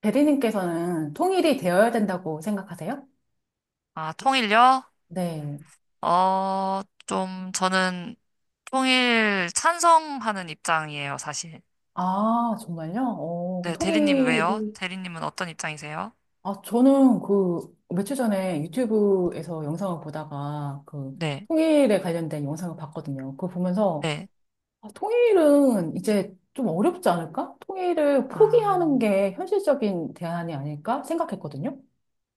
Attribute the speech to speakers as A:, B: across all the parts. A: 대리님께서는 통일이 되어야 된다고 생각하세요?
B: 아, 통일요?
A: 네.
B: 좀 저는 통일 찬성하는 입장이에요, 사실.
A: 아, 정말요? 그
B: 네, 대리님 왜요?
A: 통일이.
B: 대리님은 어떤 입장이세요?
A: 아, 저는 그, 며칠 전에 유튜브에서 영상을 보다가 그,
B: 네,
A: 통일에 관련된 영상을 봤거든요. 그거 보면서,
B: 네.
A: 아, 통일은 이제 좀 어렵지 않을까? 통일을
B: 아,
A: 포기하는 게 현실적인 대안이 아닐까 생각했거든요.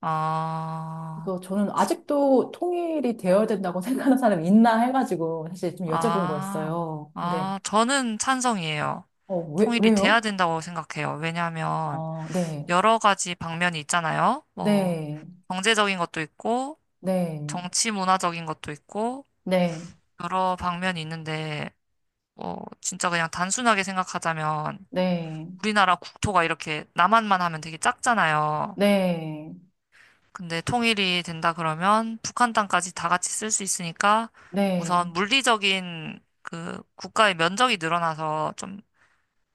B: 아,
A: 그래서 저는 아직도 통일이 되어야 된다고 생각하는 사람이 있나 해가지고 사실 좀 여쭤본
B: 아,
A: 거였어요. 근데,
B: 아, 저는 찬성이에요.
A: 왜,
B: 통일이 돼야
A: 왜요?
B: 된다고 생각해요. 왜냐하면
A: 어, 네,
B: 여러 가지 방면이 있잖아요. 뭐,
A: 네,
B: 경제적인 것도 있고,
A: 네,
B: 정치 문화적인 것도 있고,
A: 네,
B: 여러 방면이 있는데, 진짜 그냥 단순하게 생각하자면
A: 네,
B: 우리나라 국토가 이렇게 남한만 하면 되게 작잖아요.
A: 네,
B: 근데 통일이 된다 그러면 북한 땅까지 다 같이 쓸 수 있으니까
A: 네.
B: 우선 물리적인 그 국가의 면적이 늘어나서 좀,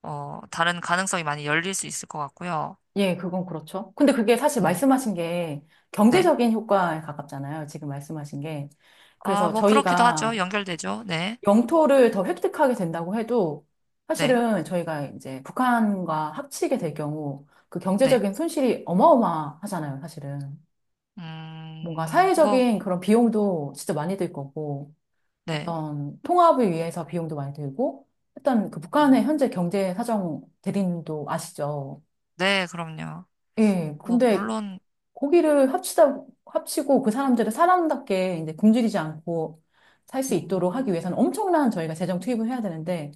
B: 다른 가능성이 많이 열릴 수 있을 것 같고요.
A: 예, 그건 그렇죠. 근데 그게 사실
B: 네.
A: 말씀하신 게
B: 네.
A: 경제적인 효과에 가깝잖아요. 지금 말씀하신 게.
B: 아,
A: 그래서
B: 뭐 그렇기도 하죠.
A: 저희가
B: 연결되죠. 네.
A: 영토를 더 획득하게 된다고 해도
B: 네.
A: 사실은 저희가 이제 북한과 합치게 될 경우 그
B: 네.
A: 경제적인 손실이 어마어마하잖아요, 사실은. 뭔가
B: 뭐,
A: 사회적인 그런 비용도 진짜 많이 들 거고.
B: 네.
A: 어떤 통합을 위해서 비용도 많이 들고, 일단 그 북한의
B: 음,
A: 현재 경제 사정 대립도 아시죠?
B: 네, 그럼요.
A: 예,
B: 뭐,
A: 근데
B: 물론,
A: 고기를 합치다, 합치고 그 사람들을 사람답게 이제 굶주리지 않고 살 수 있도록
B: 음,
A: 하기 위해서는 엄청난 저희가 재정 투입을 해야 되는데,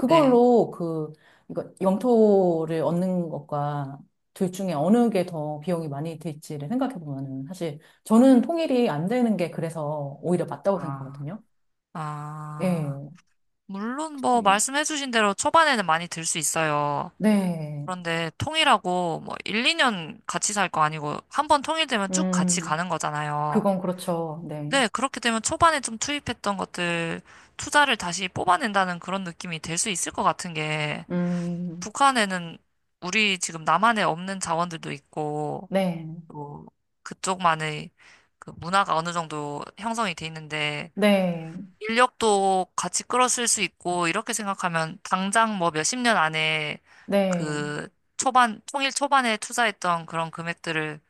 B: 네.
A: 그, 이거 영토를 얻는 것과 둘 중에 어느 게 더 비용이 많이 들지를 생각해 보면은 사실 저는 통일이 안 되는 게 그래서 오히려 맞다고
B: 아.
A: 생각하거든요.
B: 아, 물론 뭐
A: 예.
B: 말씀해주신 대로 초반에는 많이 들 수 있어요.
A: 네.
B: 그런데 통일하고 뭐 1, 2년 같이 살 거 아니고 한 번 통일되면 쭉 같이
A: 음,
B: 가는 거잖아요.
A: 그건 그렇죠. 네.
B: 네, 그렇게 되면 초반에 좀 투입했던 것들 투자를 다시 뽑아낸다는 그런 느낌이 될 수 있을 것 같은 게
A: 음,
B: 북한에는 우리 지금 남한에 없는 자원들도 있고
A: 네.
B: 또 그쪽만의 그 문화가 어느 정도 형성이 돼 있는데
A: 네.
B: 인력도 같이 끌어쓸 수 있고, 이렇게 생각하면 당장 뭐 몇십 년 안에
A: 네.
B: 그 초반, 통일 초반에 투자했던 그런 금액들을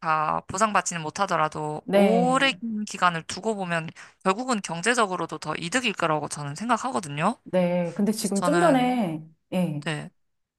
B: 다 보상받지는 못하더라도
A: 네.
B: 오랜 기간을 두고 보면 결국은 경제적으로도 더 이득일 거라고 저는 생각하거든요.
A: 네. 근데
B: 그래서
A: 지금 좀
B: 저는,
A: 전에, 예.
B: 네,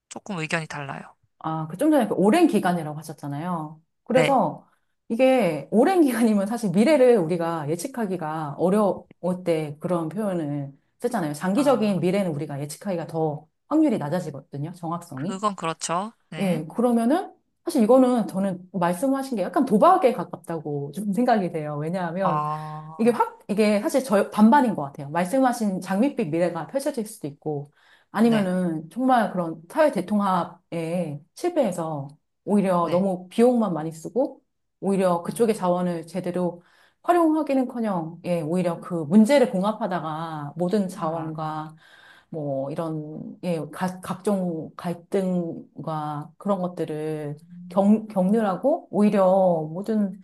B: 조금 의견이 달라요.
A: 아, 그 좀 전에 그 오랜 기간이라고 하셨잖아요.
B: 네.
A: 그래서 이게 오랜 기간이면 사실 미래를 우리가 예측하기가 어려울 때 그런 표현을 썼잖아요.
B: 아,
A: 장기적인 미래는 우리가 예측하기가 더 확률이 낮아지거든요. 정확성이.
B: 그건 그렇죠. 네.
A: 예, 그러면은, 사실 이거는 저는 말씀하신 게 약간 도박에 가깝다고 좀 생각이 돼요. 왜냐하면,
B: 어,
A: 이게 사실 저 반반인 것 같아요. 말씀하신 장밋빛 미래가 펼쳐질 수도 있고,
B: 네,
A: 아니면은 정말 그런 사회 대통합에 실패해서 오히려
B: 네.
A: 너무 비용만 많이 쓰고, 오히려
B: 음.
A: 그쪽의 자원을 제대로 활용하기는커녕, 예, 오히려 그 문제를 봉합하다가 모든
B: 아.
A: 자원과 뭐 이런, 예, 각종 갈등과 그런 것들을 겪느라고 오히려 모든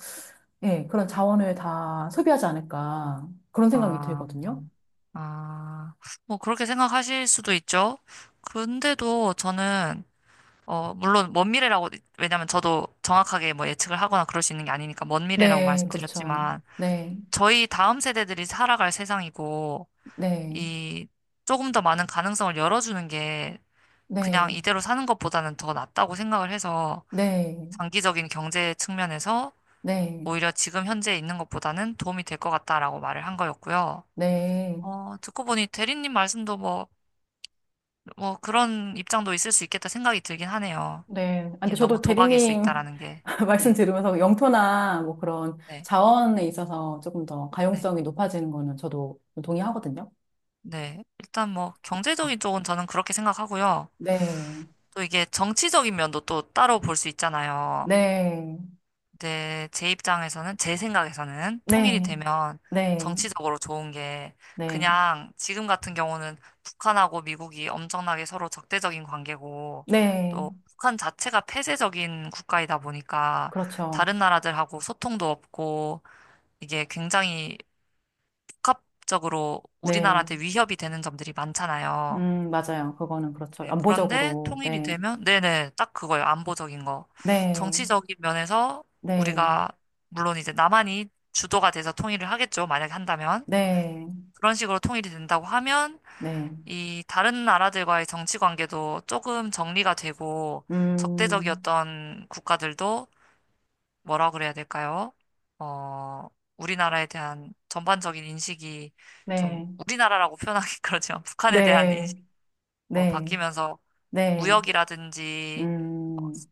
A: 예, 그런 자원을 다 소비하지 않을까. 그런 생각이
B: 아,
A: 들거든요.
B: 아, 뭐 그렇게 생각하실 수도 있죠. 근데도 저는 물론 먼 미래라고 왜냐면 저도 정확하게 뭐 예측을 하거나 그럴 수 있는 게 아니니까 먼 미래라고
A: 네, 그렇죠.
B: 말씀드렸지만
A: 네,
B: 저희 다음 세대들이 살아갈 세상이고
A: 네,
B: 이 조금 더 많은 가능성을 열어주는 게 그냥
A: 네,
B: 이대로 사는 것보다는 더 낫다고 생각을 해서
A: 네,
B: 장기적인 경제 측면에서
A: 네,
B: 오히려 지금 현재 있는 것보다는 도움이 될 것 같다라고 말을 한 거였고요.
A: 네,
B: 듣고 보니 대리님 말씀도 뭐, 뭐 그런 입장도 있을 수 있겠다 생각이 들긴 하네요.
A: 네. 아, 근데
B: 이게 너무
A: 저도
B: 도박일 수
A: 대리님
B: 있다라는 게.
A: 말씀
B: 네,
A: 들으면서 영토나 뭐 그런
B: 네,
A: 자원에 있어서 조금 더
B: 네,
A: 가용성이 높아지는 거는 저도 동의하거든요.
B: 네. 일단 뭐 경제적인 쪽은 저는 그렇게 생각하고요.
A: 네,
B: 또 이게 정치적인 면도 또 따로 볼 수 있잖아요.
A: 네,
B: 네, 제 입장에서는, 제 생각에서는 통일이
A: 네,
B: 되면
A: 네,
B: 정치적으로 좋은 게
A: 네,
B: 그냥 지금 같은 경우는 북한하고 미국이 엄청나게 서로 적대적인 관계고
A: 네,
B: 또 북한 자체가 폐쇄적인 국가이다 보니까
A: 그렇죠.
B: 다른 나라들하고 소통도 없고 이게 굉장히 복합적으로
A: 네,
B: 우리나라한테 위협이 되는 점들이 많잖아요.
A: 맞아요. 그거는 그렇죠.
B: 네, 그런데
A: 안보적으로,
B: 통일이
A: 네.
B: 되면, 네네, 딱 그거예요. 안보적인 거.
A: 네,
B: 정치적인 면에서
A: 네,
B: 우리가, 물론 이제 남한이 주도가 돼서 통일을 하겠죠. 만약에 한다면.
A: 네,
B: 그런 식으로 통일이 된다고 하면,
A: 네,
B: 이 다른 나라들과의 정치 관계도 조금 정리가 되고,
A: 음,
B: 적대적이었던 국가들도 뭐라 그래야 될까요? 어, 우리나라에 대한 전반적인 인식이 좀,
A: 네,
B: 우리나라라고 표현하기 그렇지만, 북한에 대한
A: 네,
B: 인식,
A: 네,
B: 바뀌면서,
A: 네,
B: 무역이라든지,
A: 음,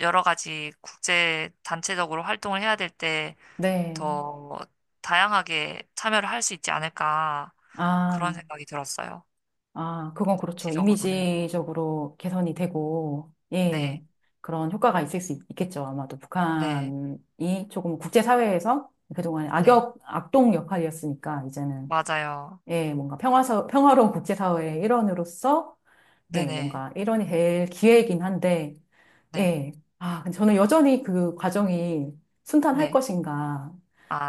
B: 여러 가지 국제 단체적으로 활동을 해야 될 때
A: 네.
B: 더 다양하게 참여를 할 수 있지 않을까
A: 아,
B: 그런 생각이 들었어요.
A: 아, 그건 그렇죠.
B: 지적으로는.
A: 이미지적으로 개선이 되고, 예,
B: 네,
A: 그런 효과가 있겠죠. 아마도
B: 네,
A: 북한이 조금 국제사회에서 그동안
B: 네,
A: 악역, 악동 역할이었으니까, 이제는,
B: 맞아요.
A: 예, 뭔가 평화로운 국제사회의 일원으로서,
B: 네
A: 예,
B: 네,
A: 뭔가 일원이 될 기회이긴 한데,
B: 네,
A: 예. 아, 근데 저는 여전히 그 과정이 순탄할
B: 네,
A: 것인가.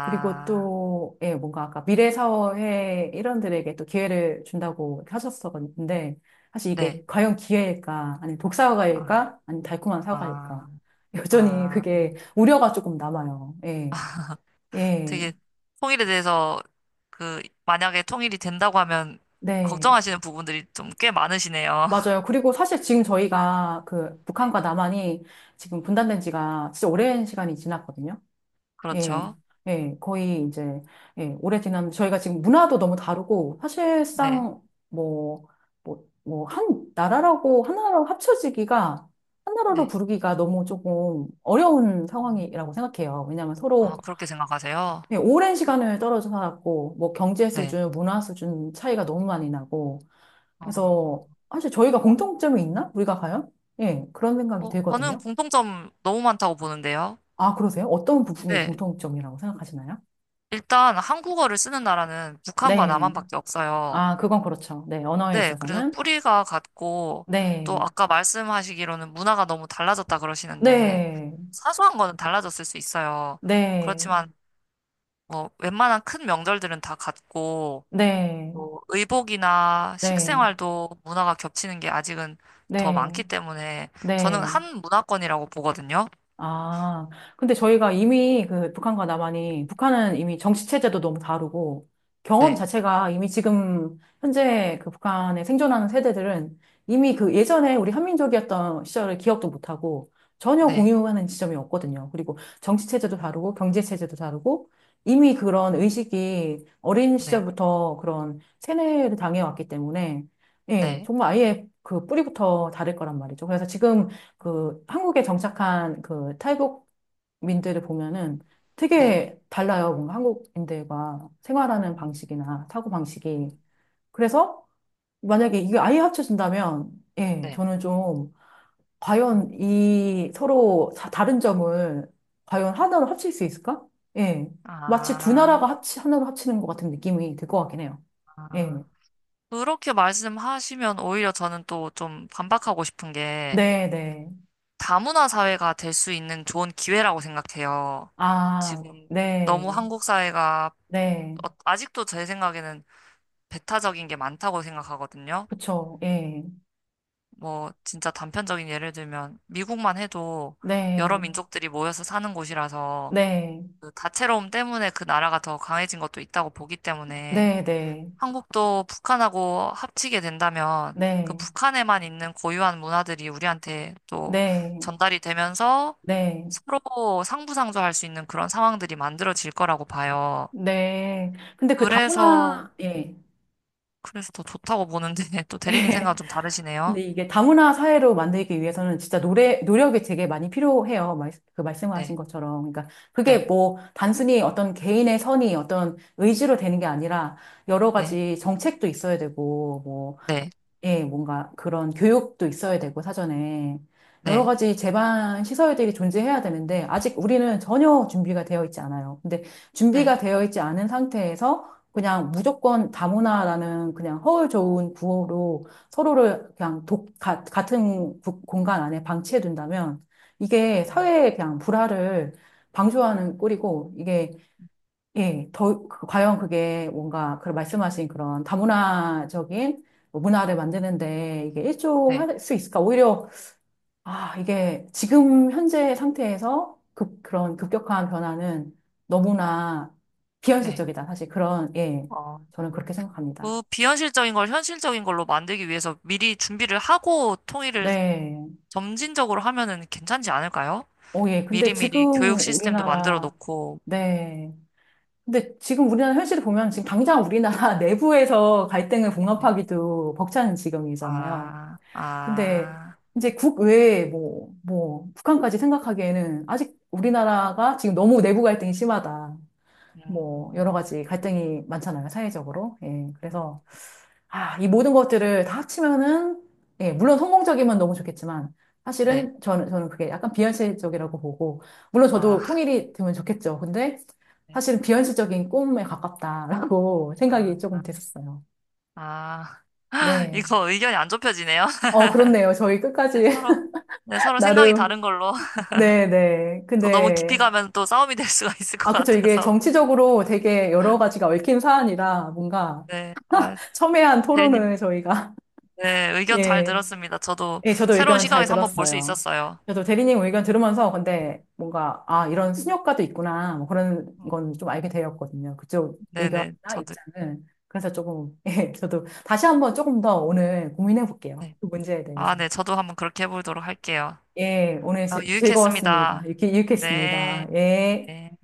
A: 그리고 또, 예, 뭔가 아까 미래 사회 일원들에게 또 기회를 준다고 이렇게 하셨었는데, 사실 이게
B: 네,
A: 과연 기회일까? 아니,
B: 아,
A: 독사과일까? 아니, 달콤한 사과일까?
B: 아,
A: 여전히
B: 아,
A: 그게 우려가 조금 남아요. 예, 예,
B: 되게 통일에 대해서 그 만약에 통일이 된다고 하면
A: 네.
B: 걱정하시는 부분들이 좀 꽤 많으시네요.
A: 맞아요. 그리고 사실 지금 저희가 그
B: 네,
A: 북한과 남한이 지금 분단된 지가 진짜 오랜 시간이 지났거든요. 예,
B: 그렇죠.
A: 예, 거의 이제, 예, 오래 지난, 저희가 지금 문화도 너무 다르고,
B: 네,
A: 사실상 뭐, 뭐, 한 나라라고, 하나로 합쳐지기가, 한 나라로
B: 네.
A: 부르기가 너무 조금 어려운
B: 음,
A: 상황이라고 생각해요. 왜냐하면
B: 아,
A: 서로
B: 그렇게 생각하세요?
A: 예, 오랜 시간을 떨어져 살았고, 뭐, 경제
B: 네.
A: 수준, 문화 수준 차이가 너무 많이 나고, 그래서,
B: 어,
A: 사실 저희가 공통점이 있나? 우리가 과연? 예, 그런 생각이
B: 저는
A: 들거든요.
B: 공통점 너무 많다고 보는데요.
A: 아, 그러세요? 어떤 부분이
B: 네.
A: 공통점이라고 생각하시나요?
B: 일단 한국어를 쓰는 나라는 북한과
A: 네.
B: 남한밖에 없어요.
A: 아, 그건 그렇죠. 네, 언어에
B: 네. 그래서
A: 있어서는.
B: 뿌리가 같고 또
A: 네,
B: 아까 말씀하시기로는 문화가 너무 달라졌다 그러시는데
A: 네,
B: 사소한 거는 달라졌을 수 있어요.
A: 네,
B: 그렇지만 뭐 웬만한 큰 명절들은 다 같고
A: 네,
B: 또 의복이나
A: 네,
B: 식생활도 문화가 겹치는 게 아직은 더 많기
A: 네,
B: 때문에 저는
A: 네.
B: 한 문화권이라고 보거든요.
A: 아, 근데 저희가 이미 그 북한과 남한이, 북한은 이미 정치체제도 너무 다르고, 경험
B: 네.
A: 자체가 이미 지금 현재 그 북한에 생존하는 세대들은 이미 그 예전에 우리 한민족이었던 시절을 기억도 못하고, 전혀
B: 네.
A: 공유하는 지점이 없거든요. 그리고 정치체제도 다르고, 경제체제도 다르고, 이미 그런 의식이 어린
B: 네,
A: 시절부터 그런 세뇌를 당해왔기 때문에, 예,
B: 네,
A: 정말 아예 그 뿌리부터 다를 거란 말이죠. 그래서 지금 그 한국에 정착한 그 탈북민들을 보면은
B: 네,
A: 되게 달라요. 뭔가 한국인들과 생활하는
B: 음,
A: 방식이나 사고 방식이.
B: 음,
A: 그래서 만약에 이게 아예 합쳐진다면, 예,
B: 네.
A: 저는 좀
B: 어,
A: 과연 이 서로 다른 점을 과연 하나로 합칠 수 있을까? 예. 마치 두
B: 아,
A: 나라가 하나로 합치는 것 같은 느낌이 들 것 같긴 해요.
B: 아.
A: 예.
B: 그렇게 말씀하시면 오히려 저는 또 좀 반박하고 싶은 게
A: 네, 네.
B: 다문화 사회가 될 수 있는 좋은 기회라고 생각해요.
A: 아,
B: 지금
A: 네.
B: 너무 한국 사회가
A: 네.
B: 아직도 제 생각에는 배타적인 게 많다고 생각하거든요.
A: 그쵸. 예.
B: 뭐 진짜 단편적인 예를 들면 미국만 해도 여러
A: 네.
B: 민족들이 모여서 사는 곳이라서
A: 네,
B: 그 다채로움 때문에 그 나라가 더 강해진 것도 있다고 보기 때문에
A: 네, 네,
B: 한국도 북한하고 합치게 된다면 그
A: 네,
B: 북한에만 있는 고유한 문화들이 우리한테 또
A: 네,
B: 전달이 되면서
A: 네,
B: 서로 상부상조할 수 있는 그런 상황들이 만들어질 거라고 봐요.
A: 네. 근데 그
B: 그래서
A: 다문화, 예.
B: 그래서 더 좋다고 보는데 또 대리님 생각은 좀 다르시네요.
A: 근데 이게 다문화 사회로 만들기 위해서는 진짜 노력이 되게 많이 필요해요. 그 말씀하신
B: 네,
A: 것처럼. 그러니까 그게
B: 네,
A: 뭐 단순히 어떤 개인의 선이 어떤 의지로 되는 게 아니라 여러
B: 네,
A: 가지 정책도 있어야 되고 뭐
B: 네,
A: 예, 뭔가 그런 교육도 있어야 되고, 사전에. 여러
B: 네,
A: 가지 제반 시설들이 존재해야 되는데, 아직 우리는 전혀 준비가 되어 있지 않아요. 근데
B: 네,
A: 준비가 되어 있지 않은 상태에서 그냥 무조건 다문화라는 그냥 허울 좋은 구호로 서로를 그냥 같은 공간 안에 방치해 둔다면, 이게
B: 음,
A: 사회의 그냥 불화를 방조하는 꼴이고, 이게 예, 더, 과연 그게 뭔가, 그 말씀하신 그런 다문화적인 뭐 문화를 만드는데 이게
B: 네,
A: 일조할 수 있을까? 오히려, 아, 이게 지금 현재 상태에서 그런 급격한 변화는 너무나
B: 네.
A: 비현실적이다. 사실 그런, 예,
B: 어.
A: 저는 그렇게 생각합니다.
B: 그 비현실적인 걸 현실적인 걸로 만들기 위해서 미리 준비를 하고 통일을
A: 네.
B: 점진적으로 하면은 괜찮지 않을까요?
A: 어, 예. 근데
B: 미리미리 교육
A: 지금
B: 시스템도 만들어
A: 우리나라,
B: 놓고.
A: 네. 근데 지금 우리나라 현실을 보면 지금 당장 우리나라 내부에서 갈등을
B: 네.
A: 봉합하기도 벅찬 지경이잖아요.
B: 아,
A: 근데
B: 아,
A: 이제 국외에 뭐, 북한까지 생각하기에는 아직 우리나라가 지금 너무 내부 갈등이 심하다. 뭐, 여러
B: 음,
A: 가지 갈등이 많잖아요, 사회적으로. 예,
B: 음,
A: 그래서, 아, 이 모든 것들을 다 합치면은, 예, 물론 성공적이면 너무 좋겠지만,
B: 네.
A: 사실은 저는 그게 약간 비현실적이라고 보고, 물론
B: 아,
A: 저도 통일이 되면 좋겠죠. 근데
B: 네.
A: 사실은 비현실적인 꿈에 가깝다라고 생각이 조금
B: 아,
A: 됐었어요.
B: 아,
A: 네.
B: 이거 의견이 안 좁혀지네요.
A: 어, 그렇네요. 저희 끝까지
B: 네, 서로, 네, 서로 생각이
A: 나름
B: 다른 걸로.
A: 네네.
B: 또 너무 깊이
A: 근데,
B: 가면 또 싸움이 될 수가 있을 것
A: 아, 그쵸. 이게
B: 같아서.
A: 정치적으로 되게 여러 가지가 얽힌 사안이라 뭔가
B: 네. 아,
A: 첨예한
B: 대리님,
A: 토론을 저희가,
B: 네, 의견 잘
A: 예.
B: 들었습니다. 저도
A: 예, 저도
B: 새로운
A: 의견 잘
B: 시각에서 한번 볼 수
A: 들었어요.
B: 있었어요.
A: 저도 대리님 의견 들으면서 근데 뭔가, 아, 이런 순효과도 있구나. 뭐 그런 건 좀 알게 되었거든요. 그쪽
B: 네네,
A: 의견이나
B: 저도,
A: 입장을. 그래서 조금, 예, 저도 다시 한번 조금 더 오늘 고민해 볼게요.
B: 네.
A: 그 문제에
B: 아,
A: 대해서.
B: 네, 저도 한번 그렇게 해보도록 할게요.
A: 예, 오늘 즐거웠습니다.
B: 유익했습니다.
A: 이렇게
B: 네.
A: 했습니다. 예.
B: 네.